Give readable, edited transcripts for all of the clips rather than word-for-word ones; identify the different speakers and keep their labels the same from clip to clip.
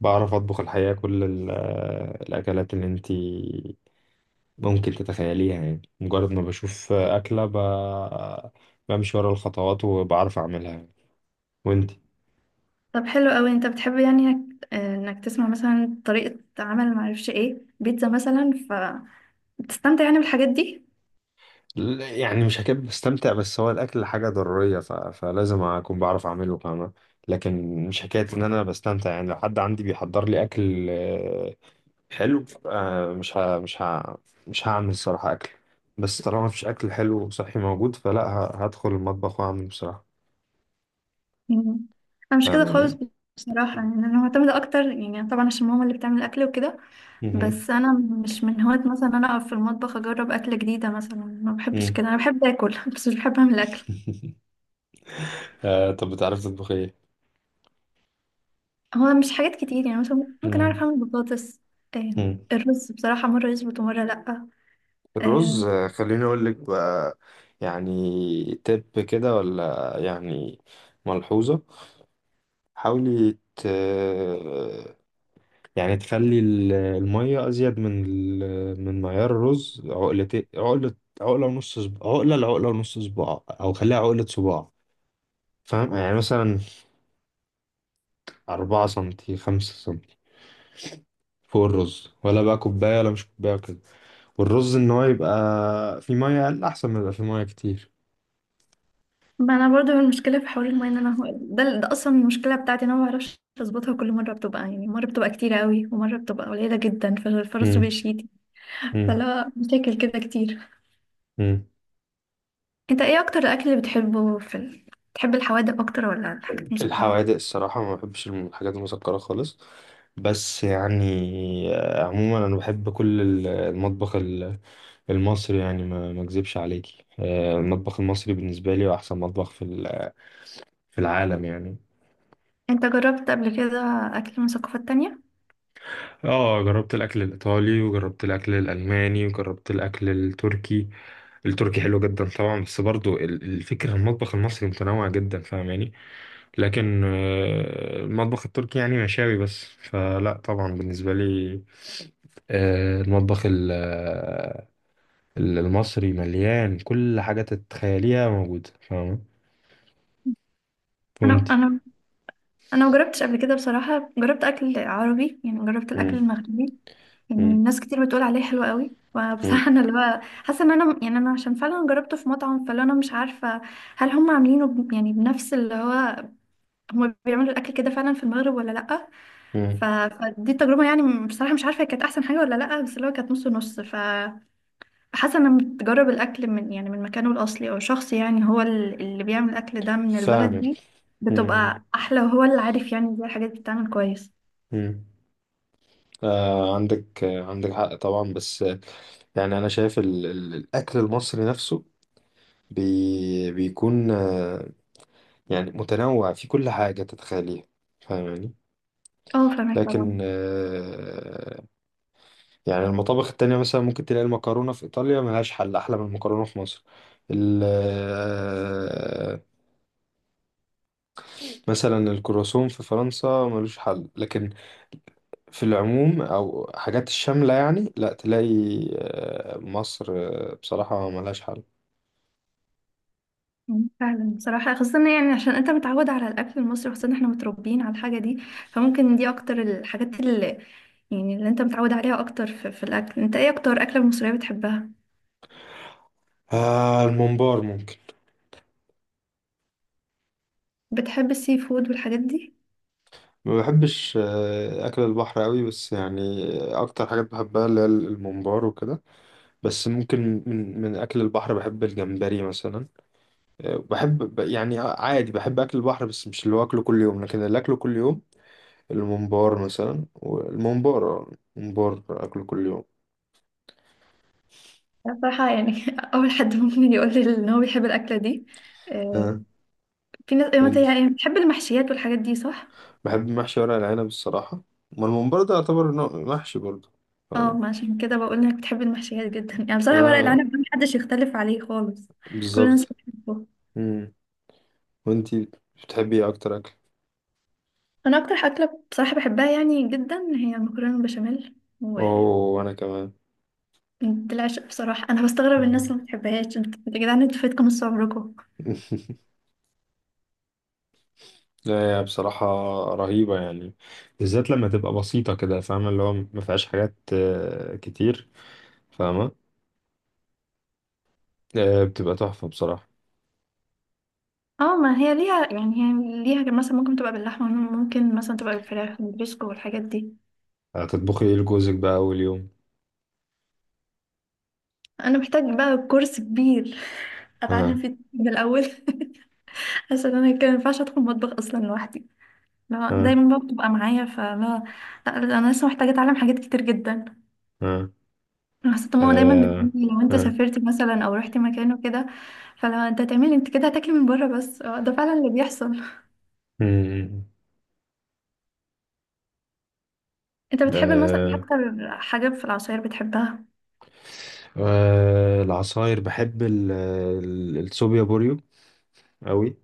Speaker 1: بعرف أطبخ الحقيقة كل الأكلات اللي أنتي ممكن تتخيليها يعني مجرد ما بشوف أكلة بمشي ورا الخطوات وبعرف أعملها. وأنتي؟
Speaker 2: طب حلو قوي، انت بتحب انك آه، إنك تسمع مثلا طريقة عمل معرفش ايه، بيتزا مثلا، فبتستمتع يعني بالحاجات دي.
Speaker 1: يعني مش هكذب بستمتع، بس هو الأكل حاجة ضرورية فلازم أكون بعرف أعمله فاهمة. لكن مش حكاية إن أنا بستمتع، يعني لو حد عندي بيحضر لي أكل حلو. مش هعمل الصراحة أكل. بس طالما مفيش أكل حلو وصحي موجود فلا هدخل المطبخ وأعمل بصراحة.
Speaker 2: مم. انا مش كده خالص.
Speaker 1: فاهماني.
Speaker 2: بصراحة يعني انا معتمدة اكتر، يعني طبعا عشان ماما اللي بتعمل الاكل وكده.
Speaker 1: مهم.
Speaker 2: بس انا مش من هواة مثلا إن انا اقف في المطبخ اجرب اكلة جديدة، مثلا ما بحبش
Speaker 1: مم.
Speaker 2: كده. انا بحب اكل بس مش بحب اعمل اكل.
Speaker 1: طب بتعرف تطبخ ايه؟
Speaker 2: هو مش حاجات كتير، يعني مثلا ممكن اعرف
Speaker 1: مم.
Speaker 2: اعمل بطاطس. آه،
Speaker 1: مم.
Speaker 2: الرز بصراحة مرة يظبط ومرة لأ.
Speaker 1: الرز،
Speaker 2: آه،
Speaker 1: خليني اقول لك بقى. يعني تب كده، ولا يعني ملحوظة. حاولي يعني تخلي المية أزيد من من معيار الرز عقلتين، عقلة، عقلة ونص صباع، عقلة لعقلة ونص صباع، أو خليها عقلة صباع. فاهم يعني، مثلا 4 سنتي، 5 سنتي فوق الرز، ولا بقى كوباية ولا مش كوباية. والرز ان هو يبقى في ميه اقل احسن ما يبقى في ميه كتير.
Speaker 2: ما انا برضو المشكله في حوار المايه، ان انا ده اصلا المشكله بتاعتي، ان انا ما بعرفش اظبطها. كل مره بتبقى، يعني مره بتبقى كتير قوي ومره بتبقى قليله جدا، فالفرص
Speaker 1: امم.
Speaker 2: بيشيتي.
Speaker 1: امم.
Speaker 2: فلا، مشاكل كده كتير.
Speaker 1: امم.
Speaker 2: انت ايه اكتر الاكل اللي بتحبه في بتحب الحوادق اكتر ولا الحاجات المسكره؟
Speaker 1: الحوادق الصراحه، ما بحبش الحاجات المسكره خالص. بس يعني عموما انا بحب كل المطبخ المصري، يعني ما اكذبش عليكي. المطبخ المصري بالنسبه لي هو احسن مطبخ في العالم يعني.
Speaker 2: انت جربت قبل كده اكل من ثقافات تانية؟
Speaker 1: اه جربت الاكل الايطالي، وجربت الاكل الالماني، وجربت الاكل التركي. التركي حلو جدا طبعا، بس برضو الفكره المطبخ المصري متنوع جدا فاهماني. لكن المطبخ التركي يعني مشاوي بس، فلا طبعا بالنسبة لي. آه، المطبخ ال- آه، المصري مليان كل حاجة تتخيليها موجودة فاهمة.
Speaker 2: انا
Speaker 1: وانتي؟
Speaker 2: انا انا ما جربتش قبل كده بصراحه. جربت اكل عربي، يعني جربت الاكل
Speaker 1: مم.
Speaker 2: المغربي. يعني
Speaker 1: مم.
Speaker 2: ناس كتير بتقول عليه حلو قوي،
Speaker 1: مم.
Speaker 2: فبصراحة انا اللي هو حاسة ان انا يعني انا عشان فعلا جربته في مطعم، فاللي انا مش عارفة هل هم يعني بنفس اللي هو، هم بيعملوا الاكل كده فعلا في المغرب ولا لأ.
Speaker 1: مم.
Speaker 2: فدي التجربة يعني، بصراحة مش عارفة هي كانت احسن حاجة ولا لأ، بس اللي هو كانت نص نص. فحاسة ان أنا بتجرب الاكل من يعني من مكانه الاصلي، او شخص يعني هو اللي بيعمل الاكل ده من البلد
Speaker 1: فاهمك.
Speaker 2: دي،
Speaker 1: مم.
Speaker 2: بتبقى احلى، وهو اللي عارف يعني ازاي الحاجات بتتعمل كويس.
Speaker 1: مم. عندك حق طبعا، بس يعني أنا شايف ال ال الأكل المصري نفسه بيكون يعني متنوع في كل حاجة تتخيليها فاهماني.
Speaker 2: اه فاهمك
Speaker 1: لكن
Speaker 2: طبعا.
Speaker 1: يعني المطابخ التانية، مثلا ممكن تلاقي المكرونة في إيطاليا ملهاش حل أحلى من المكرونة في مصر. ال- آه، مثلا الكرواسون في فرنسا ملوش حل، لكن في العموم أو حاجات الشاملة يعني لا تلاقي. مصر بصراحة ملهاش حل.
Speaker 2: مم. فعلا بصراحة، خاصة يعني عشان انت متعود على الأكل المصري، خاصة احنا متربيين على الحاجة دي، فممكن دي أكتر الحاجات اللي يعني اللي انت متعود عليها أكتر في, في الأكل. انت ايه أكتر أكلة مصرية بتحبها؟
Speaker 1: الممبار ممكن.
Speaker 2: بتحب السي فود والحاجات دي؟
Speaker 1: ما بحبش أكل البحر أوي، بس يعني أكتر حاجات بحبها اللي هي الممبار وكده. بس ممكن من أكل البحر بحب الجمبري مثلا. بحب يعني عادي بحب اكل البحر، بس مش اللي هو اكله كل يوم. لكن اللي اكله كل يوم الممبار مثلا، والممبار الممبار اكله كل يوم.
Speaker 2: أنا بصراحة يعني أول حد ممكن يقول لي إن هو بيحب الأكلة دي. آه،
Speaker 1: ها.
Speaker 2: في ناس يعني
Speaker 1: وانتي؟
Speaker 2: يعني بتحب المحشيات والحاجات دي صح؟
Speaker 1: بحب محشي ورق العنب الصراحة. ما الممبار ده يعتبر نوع محشي برضه
Speaker 2: اه، ما
Speaker 1: فاهمة.
Speaker 2: عشان كده بقول إنك بتحب المحشيات جدا. يعني بصراحة ورق
Speaker 1: اه،
Speaker 2: العنب ده محدش يختلف عليه خالص، كل الناس
Speaker 1: بالظبط.
Speaker 2: بتحبه.
Speaker 1: مم. وانتي، بتحبي ايه اكتر اكل؟
Speaker 2: انا اكتر اكله بصراحه بحبها يعني جدا هي المكرونه بالبشاميل،
Speaker 1: اوه، وانا كمان.
Speaker 2: وبالعشق بصراحه. انا بستغرب الناس
Speaker 1: مم.
Speaker 2: اللي ما بتحبهاش. انت يا جدعان، انتوا فاتكم نص عمركم.
Speaker 1: لا، هي بصراحة رهيبة يعني. بالذات لما تبقى بسيطة كده فاهمة، اللي هو ما فيهاش حاجات كتير فاهمة. بتبقى تحفة بصراحة.
Speaker 2: اه، ما هي ليها يعني، هي ليها مثلا ممكن تبقى باللحمه، ممكن مثلا تبقى بالفراخ بالبسكو والحاجات دي.
Speaker 1: هتطبخي ايه لجوزك بقى أول يوم؟
Speaker 2: انا محتاج بقى كورس كبير
Speaker 1: ها.
Speaker 2: اتعلم فيه من الاول. عشان انا كان ما ينفعش ادخل المطبخ اصلا لوحدي، لا
Speaker 1: ها.
Speaker 2: دايما بقى بتبقى معايا. فلا لا، انا لسه محتاجه اتعلم حاجات كتير جدا.
Speaker 1: ها.
Speaker 2: حسيت ماما دايما
Speaker 1: آه.
Speaker 2: بتقولي لو انت
Speaker 1: ها.
Speaker 2: سافرت مثلا او رحت مكان وكده، فلو انت هتعملي انت كده هتاكلي من بره. بس اه، ده فعلا اللي بيحصل.
Speaker 1: مم.
Speaker 2: انت بتحبي مثلا ايه
Speaker 1: آه،
Speaker 2: اكتر حاجه في العصاير بتحبها؟
Speaker 1: آه، العصاير بحب الصوبيا بوريو أوي.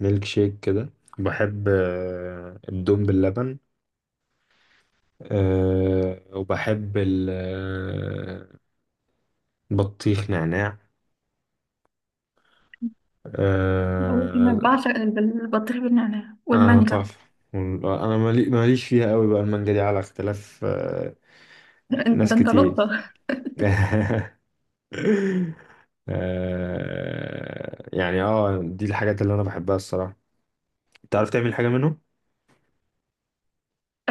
Speaker 1: ميلك شيك كده. بحب الدوم باللبن. وبحب البطيخ نعناع.
Speaker 2: اقول لك انا
Speaker 1: آه.
Speaker 2: بعشق البطيخ بالنعناع
Speaker 1: آه،
Speaker 2: والمانجا.
Speaker 1: تحفة. انا ماليش فيها قوي بقى، المانجا دي على اختلاف.
Speaker 2: ده
Speaker 1: ناس
Speaker 2: انت
Speaker 1: كتير.
Speaker 2: لقطه.
Speaker 1: دي الحاجات اللي انا بحبها الصراحه. تعرف تعمل حاجه منهم؟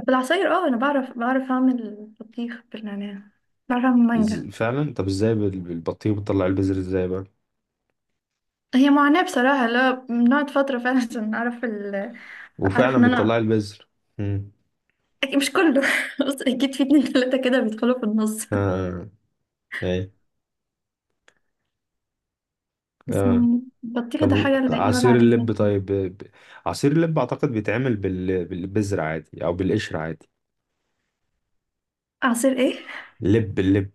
Speaker 2: في العصاير اه، انا بعرف اعمل البطيخ بالنعناع، بعرف اعمل مانجا.
Speaker 1: فعلا. طب ازاي بالبطيخ بتطلع البذر ازاي بقى؟
Speaker 2: هي معاناه بصراحه، لا بنقعد فتره فعلا عشان اعرف اعرف ان
Speaker 1: وفعلا
Speaker 2: انا
Speaker 1: بتطلع البذر. مم.
Speaker 2: أكيد مش كله، بس اكيد في اتنين تلاته كده بيدخلوا في النص.
Speaker 1: اه. اي.
Speaker 2: بس
Speaker 1: اه.
Speaker 2: يعني بطيخ
Speaker 1: طب
Speaker 2: ده حاجة لا يقول
Speaker 1: عصير
Speaker 2: عليها.
Speaker 1: اللب، طيب عصير اللب اعتقد بيتعمل بالبذر عادي، او بالقشر عادي.
Speaker 2: عصير ايه؟
Speaker 1: لب، اللب.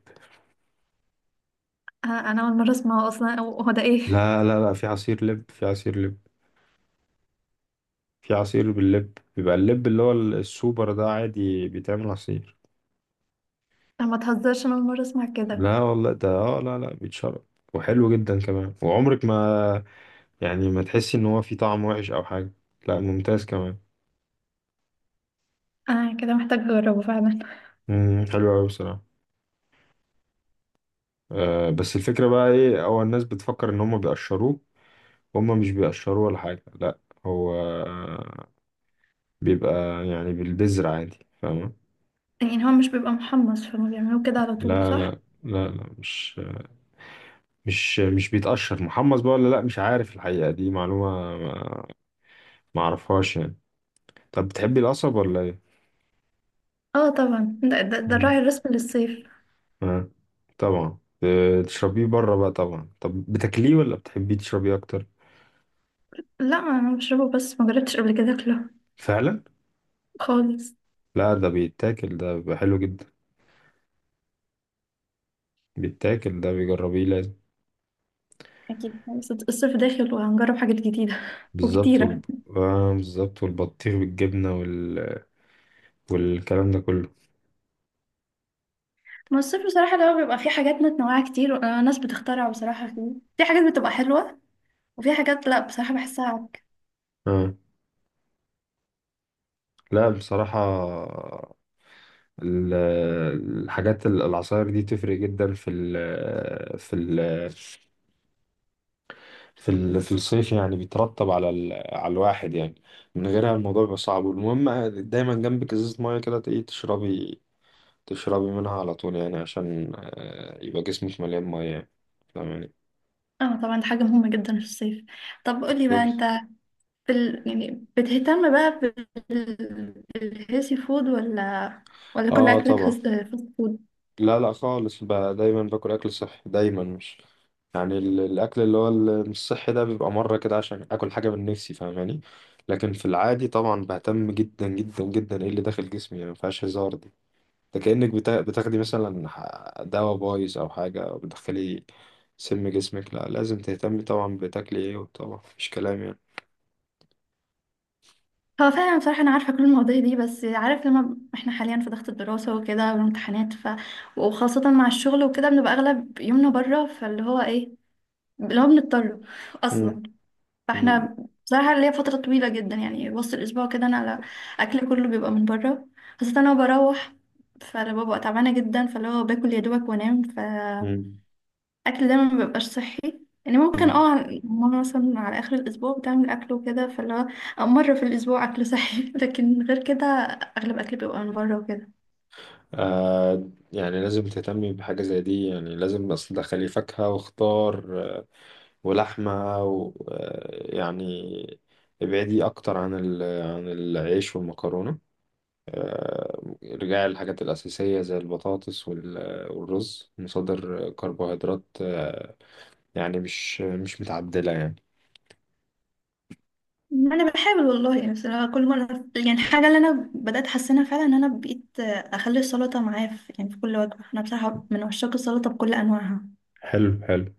Speaker 2: آه، انا اول مرة اسمعه اصلا. أو هو ده ايه؟
Speaker 1: لا لا لا، في عصير لب، في عصير لب. في عصير باللب، بيبقى اللب اللي هو السوبر ده عادي بيتعمل عصير.
Speaker 2: انا ما تهزرش، انا اول مرة اسمع كده.
Speaker 1: لا والله، ده لا لا بيتشرب وحلو جدا كمان. وعمرك ما، يعني ما تحسي ان هو فيه طعم وحش او حاجة. لا ممتاز كمان.
Speaker 2: انا كده محتاج اجربه فعلا.
Speaker 1: حلو قوي بصراحة. آه، بس الفكرة بقى ايه، هو الناس بتفكر ان هم بيقشروه. هم مش بيقشروه ولا حاجة، لا. هو آه، بيبقى يعني بالبذر عادي فاهمة.
Speaker 2: يعني هو مش بيبقى محمص، فما بيعملوه كده على طول
Speaker 1: لا
Speaker 2: صح؟
Speaker 1: لا لا لا، مش بيتقشر محمص بقى، ولا لا مش عارف، الحقيقة دي معلومة ما ما اعرفهاش يعني. طب بتحبي القصب ولا ايه؟
Speaker 2: اه طبعا، ده الراعي
Speaker 1: مم.
Speaker 2: الرسمي للصيف.
Speaker 1: آه. طبعا تشربيه بره بقى طبعا. طب بتاكليه، ولا بتحبيه تشربيه اكتر؟
Speaker 2: لا انا بشربه، بس ما جربتش قبل كده اكله
Speaker 1: فعلا.
Speaker 2: خالص.
Speaker 1: لا، ده بيتاكل، ده بيبقى حلو جدا. بيتاكل ده، بيجربيه لازم.
Speaker 2: اكيد، بس الصيف داخل وهنجرب حاجات جديدة
Speaker 1: بالظبط. وال...
Speaker 2: وكتيرة.
Speaker 1: آه بالظبط، والبطيخ بالجبنة، والكلام ده كله.
Speaker 2: ما الصيف بصراحة لو بيبقى فيه حاجات متنوعة كتير، وناس بتخترع بصراحة فيه. في حاجات بتبقى حلوة، وفي حاجات لا بصراحة بحسها.
Speaker 1: آه. لا بصراحة، ال- الحاجات العصاير دي تفرق جدا في الصيف، يعني بيترتب على على الواحد يعني. من غيرها الموضوع بيبقى صعب. والمهم دايما جنبك ازازة مية كده، تلاقيه تشربي منها على طول، يعني عشان يبقى جسمك مليان مية يعني. فاهم يعني؟
Speaker 2: اه طبعا، دي حاجة مهمة جدا في الصيف. طب قولي بقى
Speaker 1: بالظبط.
Speaker 2: انت في يعني بتهتم بقى بالهيلثي فود ولا، ولا كل
Speaker 1: اه
Speaker 2: اكلك
Speaker 1: طبعا.
Speaker 2: فاست فود؟
Speaker 1: لا لا خالص بقى، دايما باكل اكل صحي دايما. مش يعني الاكل اللي هو مش صحي ده بيبقى مرة كده عشان اكل حاجة من نفسي فاهماني. لكن في العادي طبعا بهتم جدا جدا جدا ايه اللي داخل جسمي، يعني مفيهاش هزار دي. ده كأنك بتاخدي مثلا دواء بايظ أو حاجة، أو بتدخلي سم جسمك. لا لازم تهتمي طبعا بتاكلي ايه، طبعا مفيش كلام يعني.
Speaker 2: هو فعلا بصراحة أنا عارفة كل المواضيع دي، بس عارف لما احنا حاليا في ضغط الدراسة وكده والامتحانات، وخاصة مع الشغل وكده، بنبقى أغلب يومنا بره، فاللي هو ايه اللي هو بنضطر
Speaker 1: مم.
Speaker 2: أصلا.
Speaker 1: مم.
Speaker 2: فاحنا بصراحة ليا فترة طويلة جدا يعني وسط الأسبوع كده أنا على أكل كله بيبقى من بره، خاصة أنا بروح، فأنا ببقى تعبانة جدا، فاللي هو باكل يا دوبك وأنام، فالأكل
Speaker 1: مم.
Speaker 2: دايما مبيبقاش صحي. يعني ممكن
Speaker 1: مم.
Speaker 2: اه، ماما مثلا على آخر الأسبوع بتعمل أكل وكده، فاللي هو أو مرة في الأسبوع أكل صحي، لكن غير كده أغلب أكل بيبقى من بره وكده.
Speaker 1: يعني لازم تهتمي بحاجة زي دي، يعني لازم بس تدخلي فاكهة وخضار ولحمة و يعني ابعدي أكتر عن العيش والمكرونة. رجعي للحاجات الأساسية زي البطاطس والرز، مصادر كربوهيدرات، يعني مش متعدلة يعني.
Speaker 2: أنا بحاول والله يعني، بس أنا كل مرة يعني الحاجة اللي أنا بدأت أحسنها فعلا إن أنا بقيت أخلي السلطة معايا في يعني في كل وجبة. أنا بصراحة من عشاق السلطة بكل أنواعها.
Speaker 1: حلو حلو